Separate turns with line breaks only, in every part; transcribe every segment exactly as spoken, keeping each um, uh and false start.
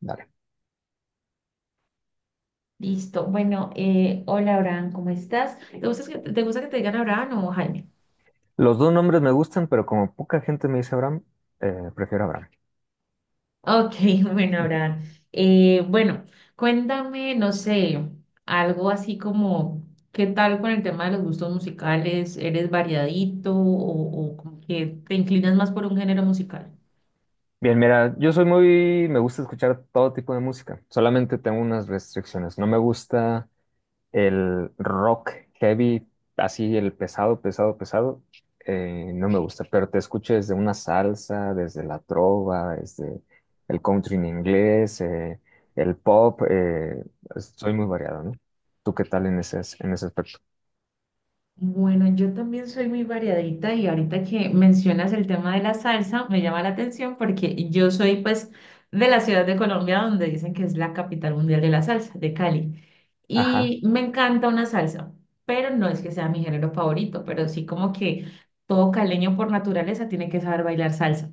Dale.
Listo. Bueno, eh, hola Abraham, ¿cómo estás? ¿Te gusta que, te gusta que te digan Abraham o Jaime?
Los dos nombres me gustan, pero como poca gente me dice Abraham, eh, prefiero Abraham.
Ok, bueno, Abraham. Eh, bueno, cuéntame, no sé, algo así como, ¿qué tal con el tema de los gustos musicales? ¿Eres variadito o, o como que te inclinas más por un género musical?
Bien, mira, yo soy muy, me gusta escuchar todo tipo de música, solamente tengo unas restricciones. No me gusta el rock heavy, así el pesado, pesado, pesado, eh, no me gusta, pero te escucho desde una salsa, desde la trova, desde el country en inglés, eh, el pop, eh, soy muy variado, ¿no? ¿Tú qué tal en ese, en ese aspecto?
Bueno, yo también soy muy variadita y ahorita que mencionas el tema de la salsa me llama la atención porque yo soy pues de la ciudad de Colombia donde dicen que es la capital mundial de la salsa, de Cali.
Ajá,
Y me encanta una salsa, pero no es que sea mi género favorito, pero sí como que todo caleño por naturaleza tiene que saber bailar salsa.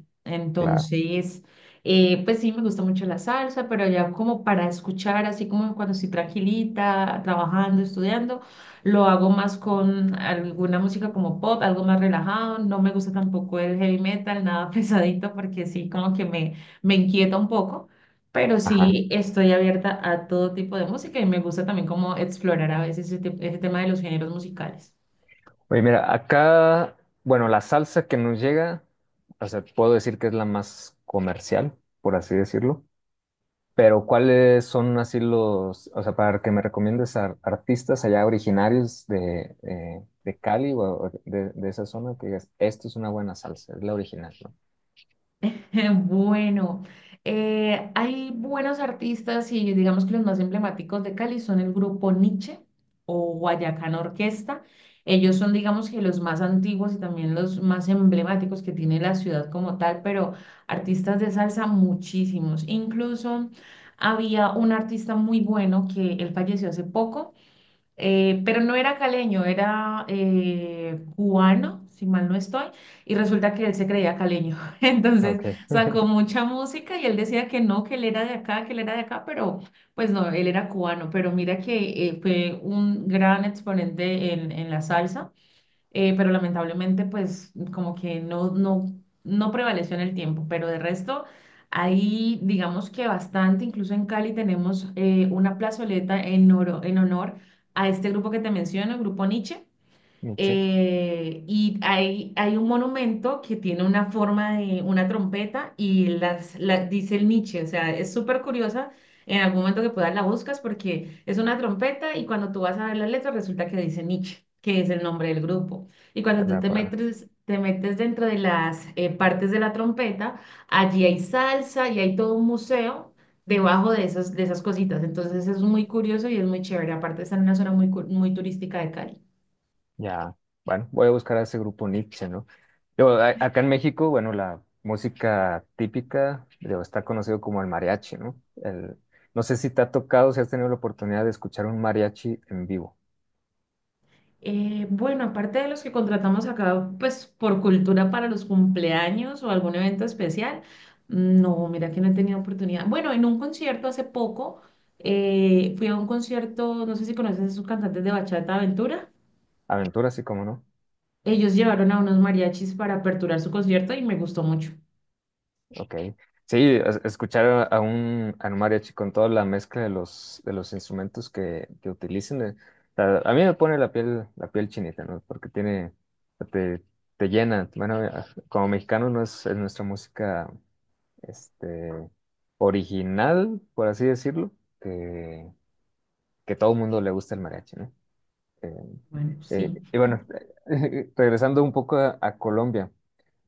claro,
Entonces, eh, pues sí, me gusta mucho la salsa, pero ya como para escuchar, así como cuando estoy tranquilita, trabajando, estudiando, lo hago más con alguna música como pop, algo más relajado. No me gusta tampoco el heavy metal, nada pesadito, porque sí, como que me, me inquieta un poco. Pero
ajá.
sí estoy abierta a todo tipo de música y me gusta también como explorar a veces ese, te- ese tema de los géneros musicales.
Oye, mira, acá, bueno, la salsa que nos llega, o sea, puedo decir que es la más comercial, por así decirlo, pero ¿cuáles son así los, o sea, para que me recomiendes a artistas allá originarios de, eh, de Cali o o de, de esa zona que digas, esto es una buena salsa, es la original,
Bueno, eh, hay buenos artistas y digamos que los más emblemáticos de Cali son el grupo Niche o Guayacán Orquesta. Ellos son, digamos que los más antiguos y también los más emblemáticos que tiene la ciudad como tal, pero artistas de salsa muchísimos. Incluso había un artista muy bueno que él falleció hace poco, eh, pero no era caleño, era eh, cubano, si mal no estoy, y resulta que él se creía caleño.
¿no?
Entonces
Ok,
sacó mucha música y él decía que no, que él era de acá, que él era de acá, pero pues no, él era cubano. Pero mira que eh, fue un gran exponente en, en la salsa, eh, pero lamentablemente pues como que no, no, no prevaleció en el tiempo, pero de resto ahí digamos que bastante. Incluso en Cali tenemos eh, una plazoleta en, oro- en honor a este grupo que te menciono, el grupo Nietzsche.
Miche,
Eh, y hay, hay un monumento que tiene una forma de una trompeta y las, la- dice el Nietzsche, o sea, es súper curiosa. En algún momento que puedas la buscas porque es una trompeta y cuando tú vas a ver las letras resulta que dice Nietzsche, que es el nombre del grupo. Y cuando
de
tú te
acuerdo.
metes, te metes dentro de las eh, partes de la trompeta, allí hay salsa y hay todo un museo debajo de esas, de esas cositas. Entonces es muy curioso y es muy chévere. Aparte está en una zona muy, cu- muy turística de Cali.
Ya, bueno, voy a buscar a ese grupo Nietzsche, ¿no? Digo, a- acá en México, bueno, la música típica, digo, está conocido como el mariachi, ¿no? El, no sé si te ha tocado, si has tenido la oportunidad de escuchar un mariachi en vivo.
Eh, bueno, aparte de los que contratamos acá, pues por cultura para los cumpleaños o algún evento especial, no, mira que no he tenido oportunidad. Bueno, en un concierto hace poco, eh, fui a un concierto, no sé si conoces a esos cantantes de Bachata Aventura.
Aventura, sí, como no.
Ellos llevaron a unos mariachis para aperturar su concierto y me gustó mucho.
Ok. Sí, es- escuchar a a un, a un mariachi con toda la mezcla de los, de los instrumentos que, que utilicen, eh, a, a mí me pone la piel, la piel chinita, ¿no? Porque tiene, te, te llena. Bueno, eh, como mexicanos no es es nuestra música este, original, por así decirlo, que, que todo el mundo le gusta el mariachi, ¿no? Eh,
Bueno, sí.
eh, y bueno, regresando un poco a, a Colombia,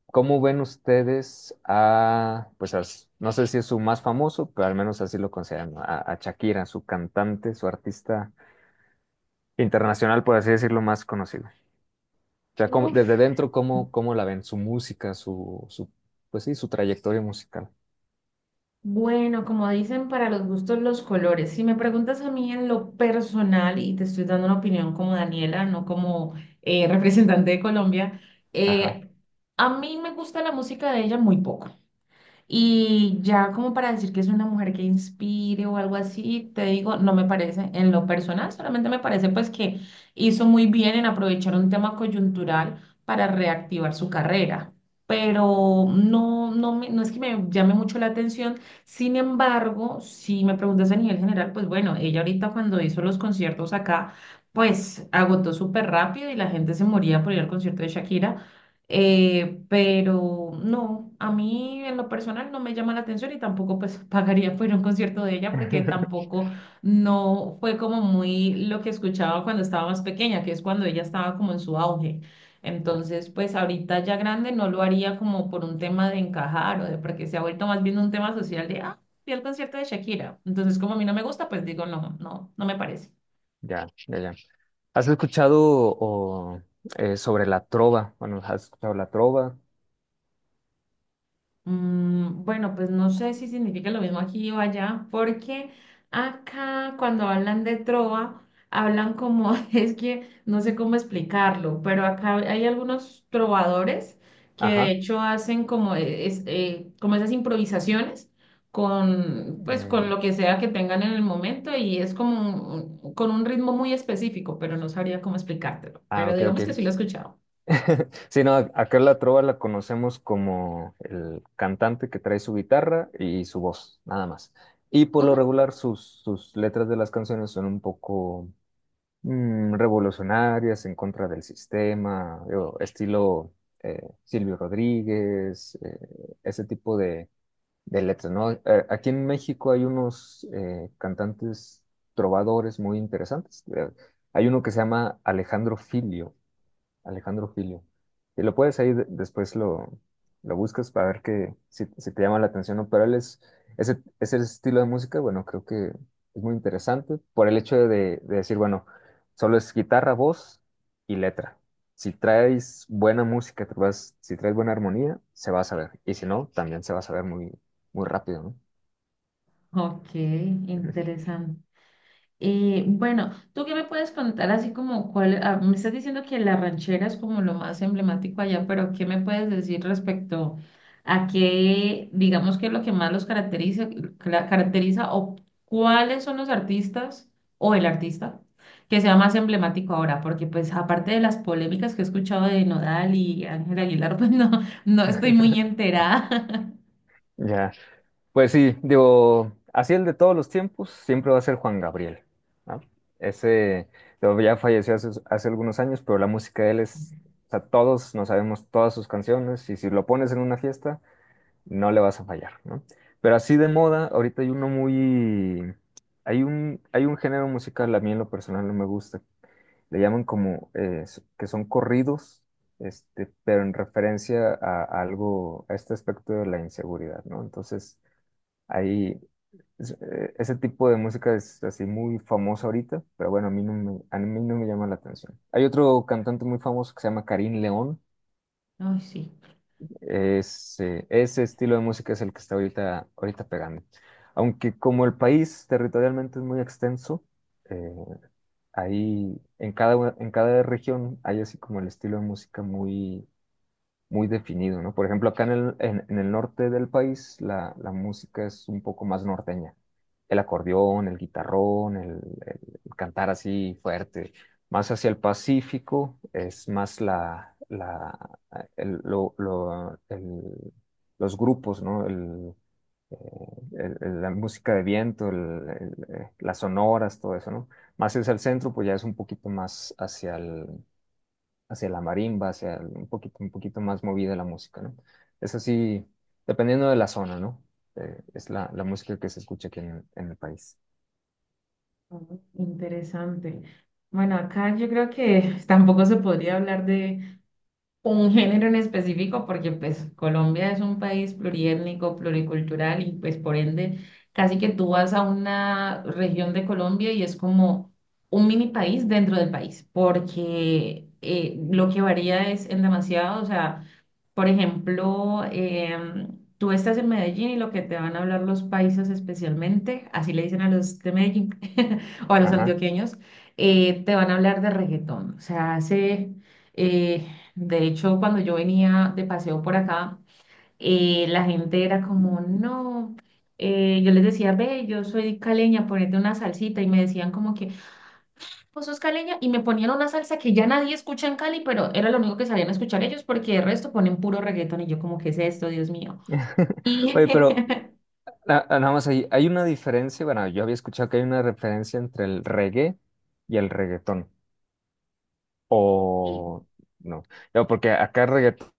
¿cómo ven ustedes a, pues a s- no sé si es su más famoso, pero al menos así lo consideran, ¿no? a, a Shakira, su cantante, su artista internacional, por así decirlo, más conocido? O sea, ¿cómo-
Uf,
desde dentro, ¿cómo, cómo la ven? Su música, su, su, pues sí, su trayectoria musical.
bueno, como dicen, para los gustos los colores. Si me preguntas a mí en lo personal, y te estoy dando una opinión como Daniela, no como eh, representante de Colombia,
Ajá.
eh, a mí me gusta la música de ella muy poco. Y ya como para decir que es una mujer que inspire o algo así, te digo, no me parece en lo personal, solamente me parece pues que hizo muy bien en aprovechar un tema coyuntural para reactivar su carrera. Pero no, no, me- no es que me llame mucho la atención. Sin embargo, si me preguntas a nivel general, pues bueno, ella ahorita cuando hizo los conciertos acá, pues agotó súper rápido y la gente se moría por ir al concierto de Shakira. Eh, pero no, a mí en lo personal no me llama la atención y tampoco pues pagaría por ir a un concierto de ella porque tampoco no fue como muy lo que escuchaba cuando estaba más pequeña, que es cuando ella estaba como en su auge. Entonces, pues ahorita ya grande no lo haría como por un tema de encajar o de porque se ha vuelto más bien un tema social de, ah, fui al concierto de Shakira. Entonces, como a mí no me gusta, pues digo, no, no, no me parece.
Ya, ya, ya. ¿Has escuchado o, eh, sobre la trova? Bueno, ¿has escuchado la trova?
Mm, bueno, pues no sé si significa lo mismo aquí o allá, porque acá cuando hablan de trova, hablan como, es que no sé cómo explicarlo, pero acá hay algunos trovadores que de
Ajá.
hecho hacen como, e- es, eh, como esas improvisaciones con, pues, con
Mm,
lo que sea que tengan en el momento y es como un- un- con un ritmo muy específico, pero no sabría cómo explicártelo,
ah,
pero
ok, ok.
digamos que sí lo he escuchado.
Sí, no, acá la trova la conocemos como el cantante que trae su guitarra y su voz, nada más. Y por lo
Ujú.
regular sus, sus letras de las canciones son un poco mm, revolucionarias, en contra del sistema, digo, estilo eh, Silvio Rodríguez, eh, ese tipo de de letras ¿no? A- Aquí en México hay unos eh, cantantes trovadores muy interesantes. Eh, Hay uno que se llama Alejandro Filio. Alejandro Filio. Y lo puedes ahí, de- después lo, lo buscas para ver que, si, si te llama la atención o no, pero él es, ese, ese estilo de música, bueno, creo que es muy interesante por el hecho de, de decir, bueno, solo es guitarra, voz y letra. Si traes buena música, te vas- si traes buena armonía, se va a saber. Y si no, también se va a saber muy, muy rápido, ¿no?
Ok, interesante. Eh, bueno, ¿tú qué me puedes contar así como cuál, ah, me estás diciendo que la ranchera es como lo más emblemático allá, pero ¿qué me puedes decir respecto a qué, digamos, qué es lo que más los caracteriza, cla- caracteriza o cuáles son los artistas o el artista que sea más emblemático ahora? Porque pues aparte de las polémicas que he escuchado de Nodal y Ángel Aguilar, pues no, no estoy muy enterada.
Ya. Pues sí, digo, así el de todos los tiempos siempre va a ser Juan Gabriel, ¿no? Ese, digo, ya falleció hace, hace algunos años, pero la música de él es, o sea, todos nos sabemos todas sus canciones y si lo pones en una fiesta, no le vas a fallar, ¿no? Pero así de moda, ahorita hay uno muy, hay un, hay un género musical, a mí en lo personal no me gusta, le llaman como, eh, que son corridos, este, pero en referencia a, a algo, a este aspecto de la inseguridad, ¿no? Entonces ahí, es- eh, ese tipo de música es así muy famosa ahorita, pero bueno, a mí no me, a mí no me llama la atención. Hay otro cantante muy famoso que se llama Karim León.
Ay, sí.
Es, eh, ese estilo de música es el que está ahorita, ahorita pegando. Aunque como el país territorialmente es muy extenso, eh, ahí en cada, en cada región hay así como el estilo de música muy, muy definido, ¿no? Por ejemplo, acá en el, en, en el norte del país la, la música es un poco más norteña. El acordeón, el guitarrón, el, el- el cantar así fuerte. Más hacia el Pacífico es más la, la, el- lo- lo- el- los grupos, ¿no? El, eh, el- el- la música de viento, el- el, eh, las sonoras, todo eso, ¿no? Más hacia el centro, pues ya es un poquito más hacia el, hacia la marimba, hacia el- un poquito, un poquito más movida la música, ¿no? Es así, dependiendo de la zona, ¿no? Eh, es la, la música que se escucha aquí en, en el país.
Oh, interesante. Bueno, acá yo creo que tampoco se podría hablar de un género en específico porque pues Colombia es un país pluriétnico, pluricultural y pues por ende casi que tú vas a una región de Colombia y es como un mini país dentro del país porque eh, lo que varía es en demasiado, o sea... Por ejemplo, em, tú estás en Medellín y lo que te van a hablar los paisas especialmente, así le dicen a los de Medellín o a los
Ajá.
antioqueños, eh, te van a hablar de reggaetón. O sea, hace, eh, de hecho, cuando yo venía de paseo por acá, eh, la gente era como, no. Eh, yo les decía, ve, yo soy caleña, ponete una salsita, y me decían como que, Pozos caleña, y me ponían una salsa que ya nadie escucha en Cali, pero era lo único que salían a escuchar ellos porque el resto ponen puro reggaetón y yo como, ¿qué es esto, Dios mío? Y
Oye, pero na- nada más ahí, hay una diferencia, bueno, yo había escuchado que hay una referencia entre el reggae y el reggaetón, o
y-
no, no, porque acá reggaetón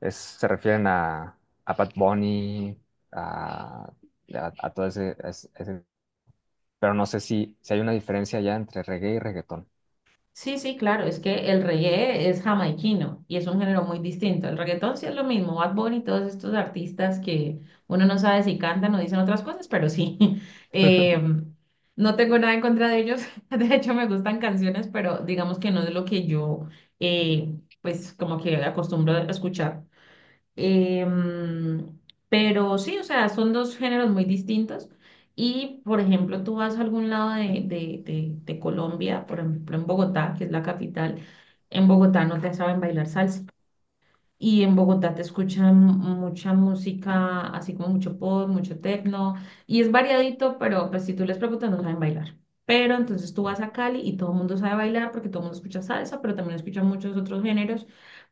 es- se refieren a, a Bad Bunny, a, a, a todo ese, a ese ese pero no sé si, si hay una diferencia ya entre reggae y reggaetón.
sí, sí, claro, es que el reggae es jamaiquino y es un género muy distinto. El reggaetón sí es lo mismo, Bad Bunny y todos estos artistas que uno no sabe si cantan o dicen otras cosas, pero sí. Eh, no tengo nada en contra de ellos, de hecho me gustan canciones, pero digamos que no es lo que yo, eh, pues como que acostumbro a escuchar. Em, pero sí, o sea, son dos géneros muy distintos. Y, por ejemplo, tú vas a algún lado de, de, de, de Colombia, por ejemplo, en Bogotá, que es la capital, en Bogotá no te saben bailar salsa. Y en Bogotá te escuchan mucha música, así como mucho pop, mucho techno. Y es variadito, pero pues si tú les preguntas no saben bailar. Pero entonces tú vas a Cali y todo el mundo sabe bailar porque todo el mundo escucha salsa, pero también escucha muchos otros géneros.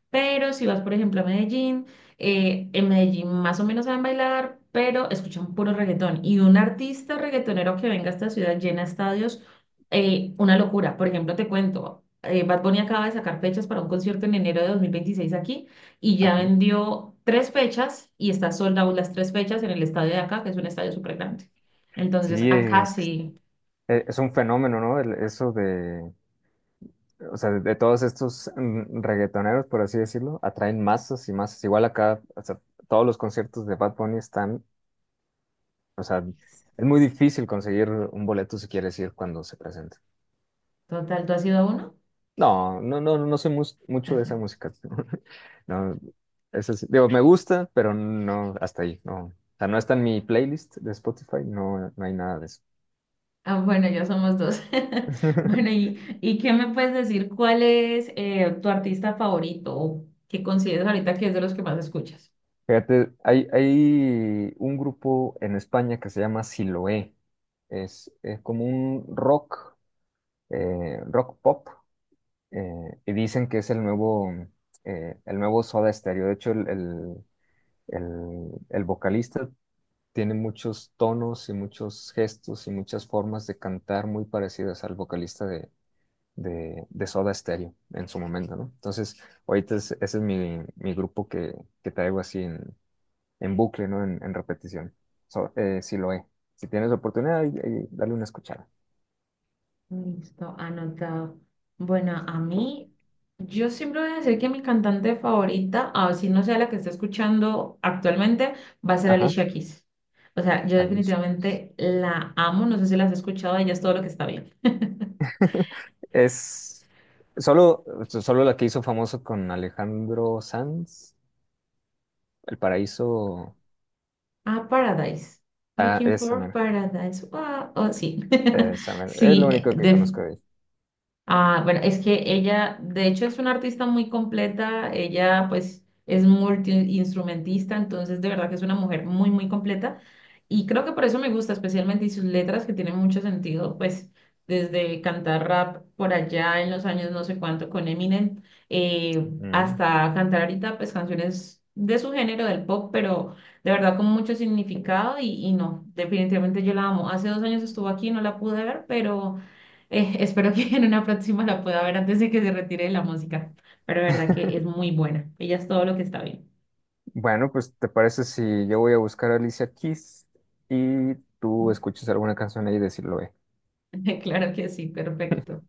Pero si vas, por ejemplo, a Medellín, eh, en Medellín más o menos saben bailar, pero escuchan puro reggaetón. Y un artista reggaetonero que venga a esta ciudad llena estadios, eh, una locura. Por ejemplo, te cuento, eh, Bad Bunny acaba de sacar fechas para un concierto en enero de dos mil veintiséis aquí y ya vendió tres fechas y está sold out las tres fechas en el estadio de acá, que es un estadio súper grande. Entonces,
Sí,
acá
es, que
sí,
es es un fenómeno, ¿no? El- eso de, o sea, de, de todos estos mm, reggaetoneros, por así decirlo, atraen masas y masas. Igual acá, o sea, todos los conciertos de Bad Bunny están, o sea, es muy difícil conseguir un boleto si quieres ir cuando se presenta.
total, ¿tú has ido a uno?
No, no, no, no soy mus- mucho de esa música. No, eso sí, digo, me gusta, pero no, hasta ahí, no. O sea, no está en mi playlist de Spotify, no, no hay nada de eso.
Ah, bueno, ya somos dos. Bueno, ¿y, y qué me puedes decir? ¿Cuál es eh, tu artista favorito o que consideras ahorita que es de los que más escuchas?
Fíjate, hay, hay un grupo en España que se llama Siloé. Es, es como un rock, eh, rock pop, eh, y dicen que es el nuevo, eh, el nuevo Soda Stereo. De hecho, el, el, el- el vocalista tiene muchos tonos y muchos gestos y muchas formas de cantar muy parecidas al vocalista de, de, de Soda Stereo en su momento, ¿no? Entonces, ahorita es- ese es mi, mi grupo que, que traigo así en bucle, ¿no? En, en repetición. So, eh, si lo he. Si tienes oportunidad, ahí- ahí dale una escuchada.
Listo, anotado. Bueno, a mí, yo siempre voy a decir que mi cantante favorita, así no sea la que esté escuchando actualmente, va a ser
Ajá,
Alicia Keys. O sea, yo
Alicia.
definitivamente la amo, no sé si la has escuchado, ella es todo lo que está bien.
Es solo, solo la que hizo famoso con Alejandro Sanz, El Paraíso.
Ah, Paradise.
Ah,
Looking
esa,
for
mera,
Paradise. Wow. Oh, sí,
esa, mera. Es lo
Sí, eh,
único que
def-
conozco de ella.
Ah, bueno, es que ella, de hecho, es una artista muy completa. Ella, pues, es multiinstrumentista, entonces, de verdad que es una mujer muy, muy completa. Y creo que por eso me gusta, especialmente, y sus letras que tienen mucho sentido, pues, desde cantar rap por allá en los años no sé cuánto con Eminem, eh,
Mm.
hasta cantar ahorita, pues, canciones de su género, del pop, pero de verdad con mucho significado. Y, y no, definitivamente yo la amo. Hace dos años estuvo aquí, no la pude ver, pero. Eh, espero que en una próxima la pueda ver antes de que se retire de la música, pero de verdad que es muy buena. Ella es todo lo que está bien.
Bueno, pues ¿te parece si yo voy a buscar a Alicia Keys y tú escuchas alguna canción ahí y decirlo, eh?
Claro que sí, perfecto.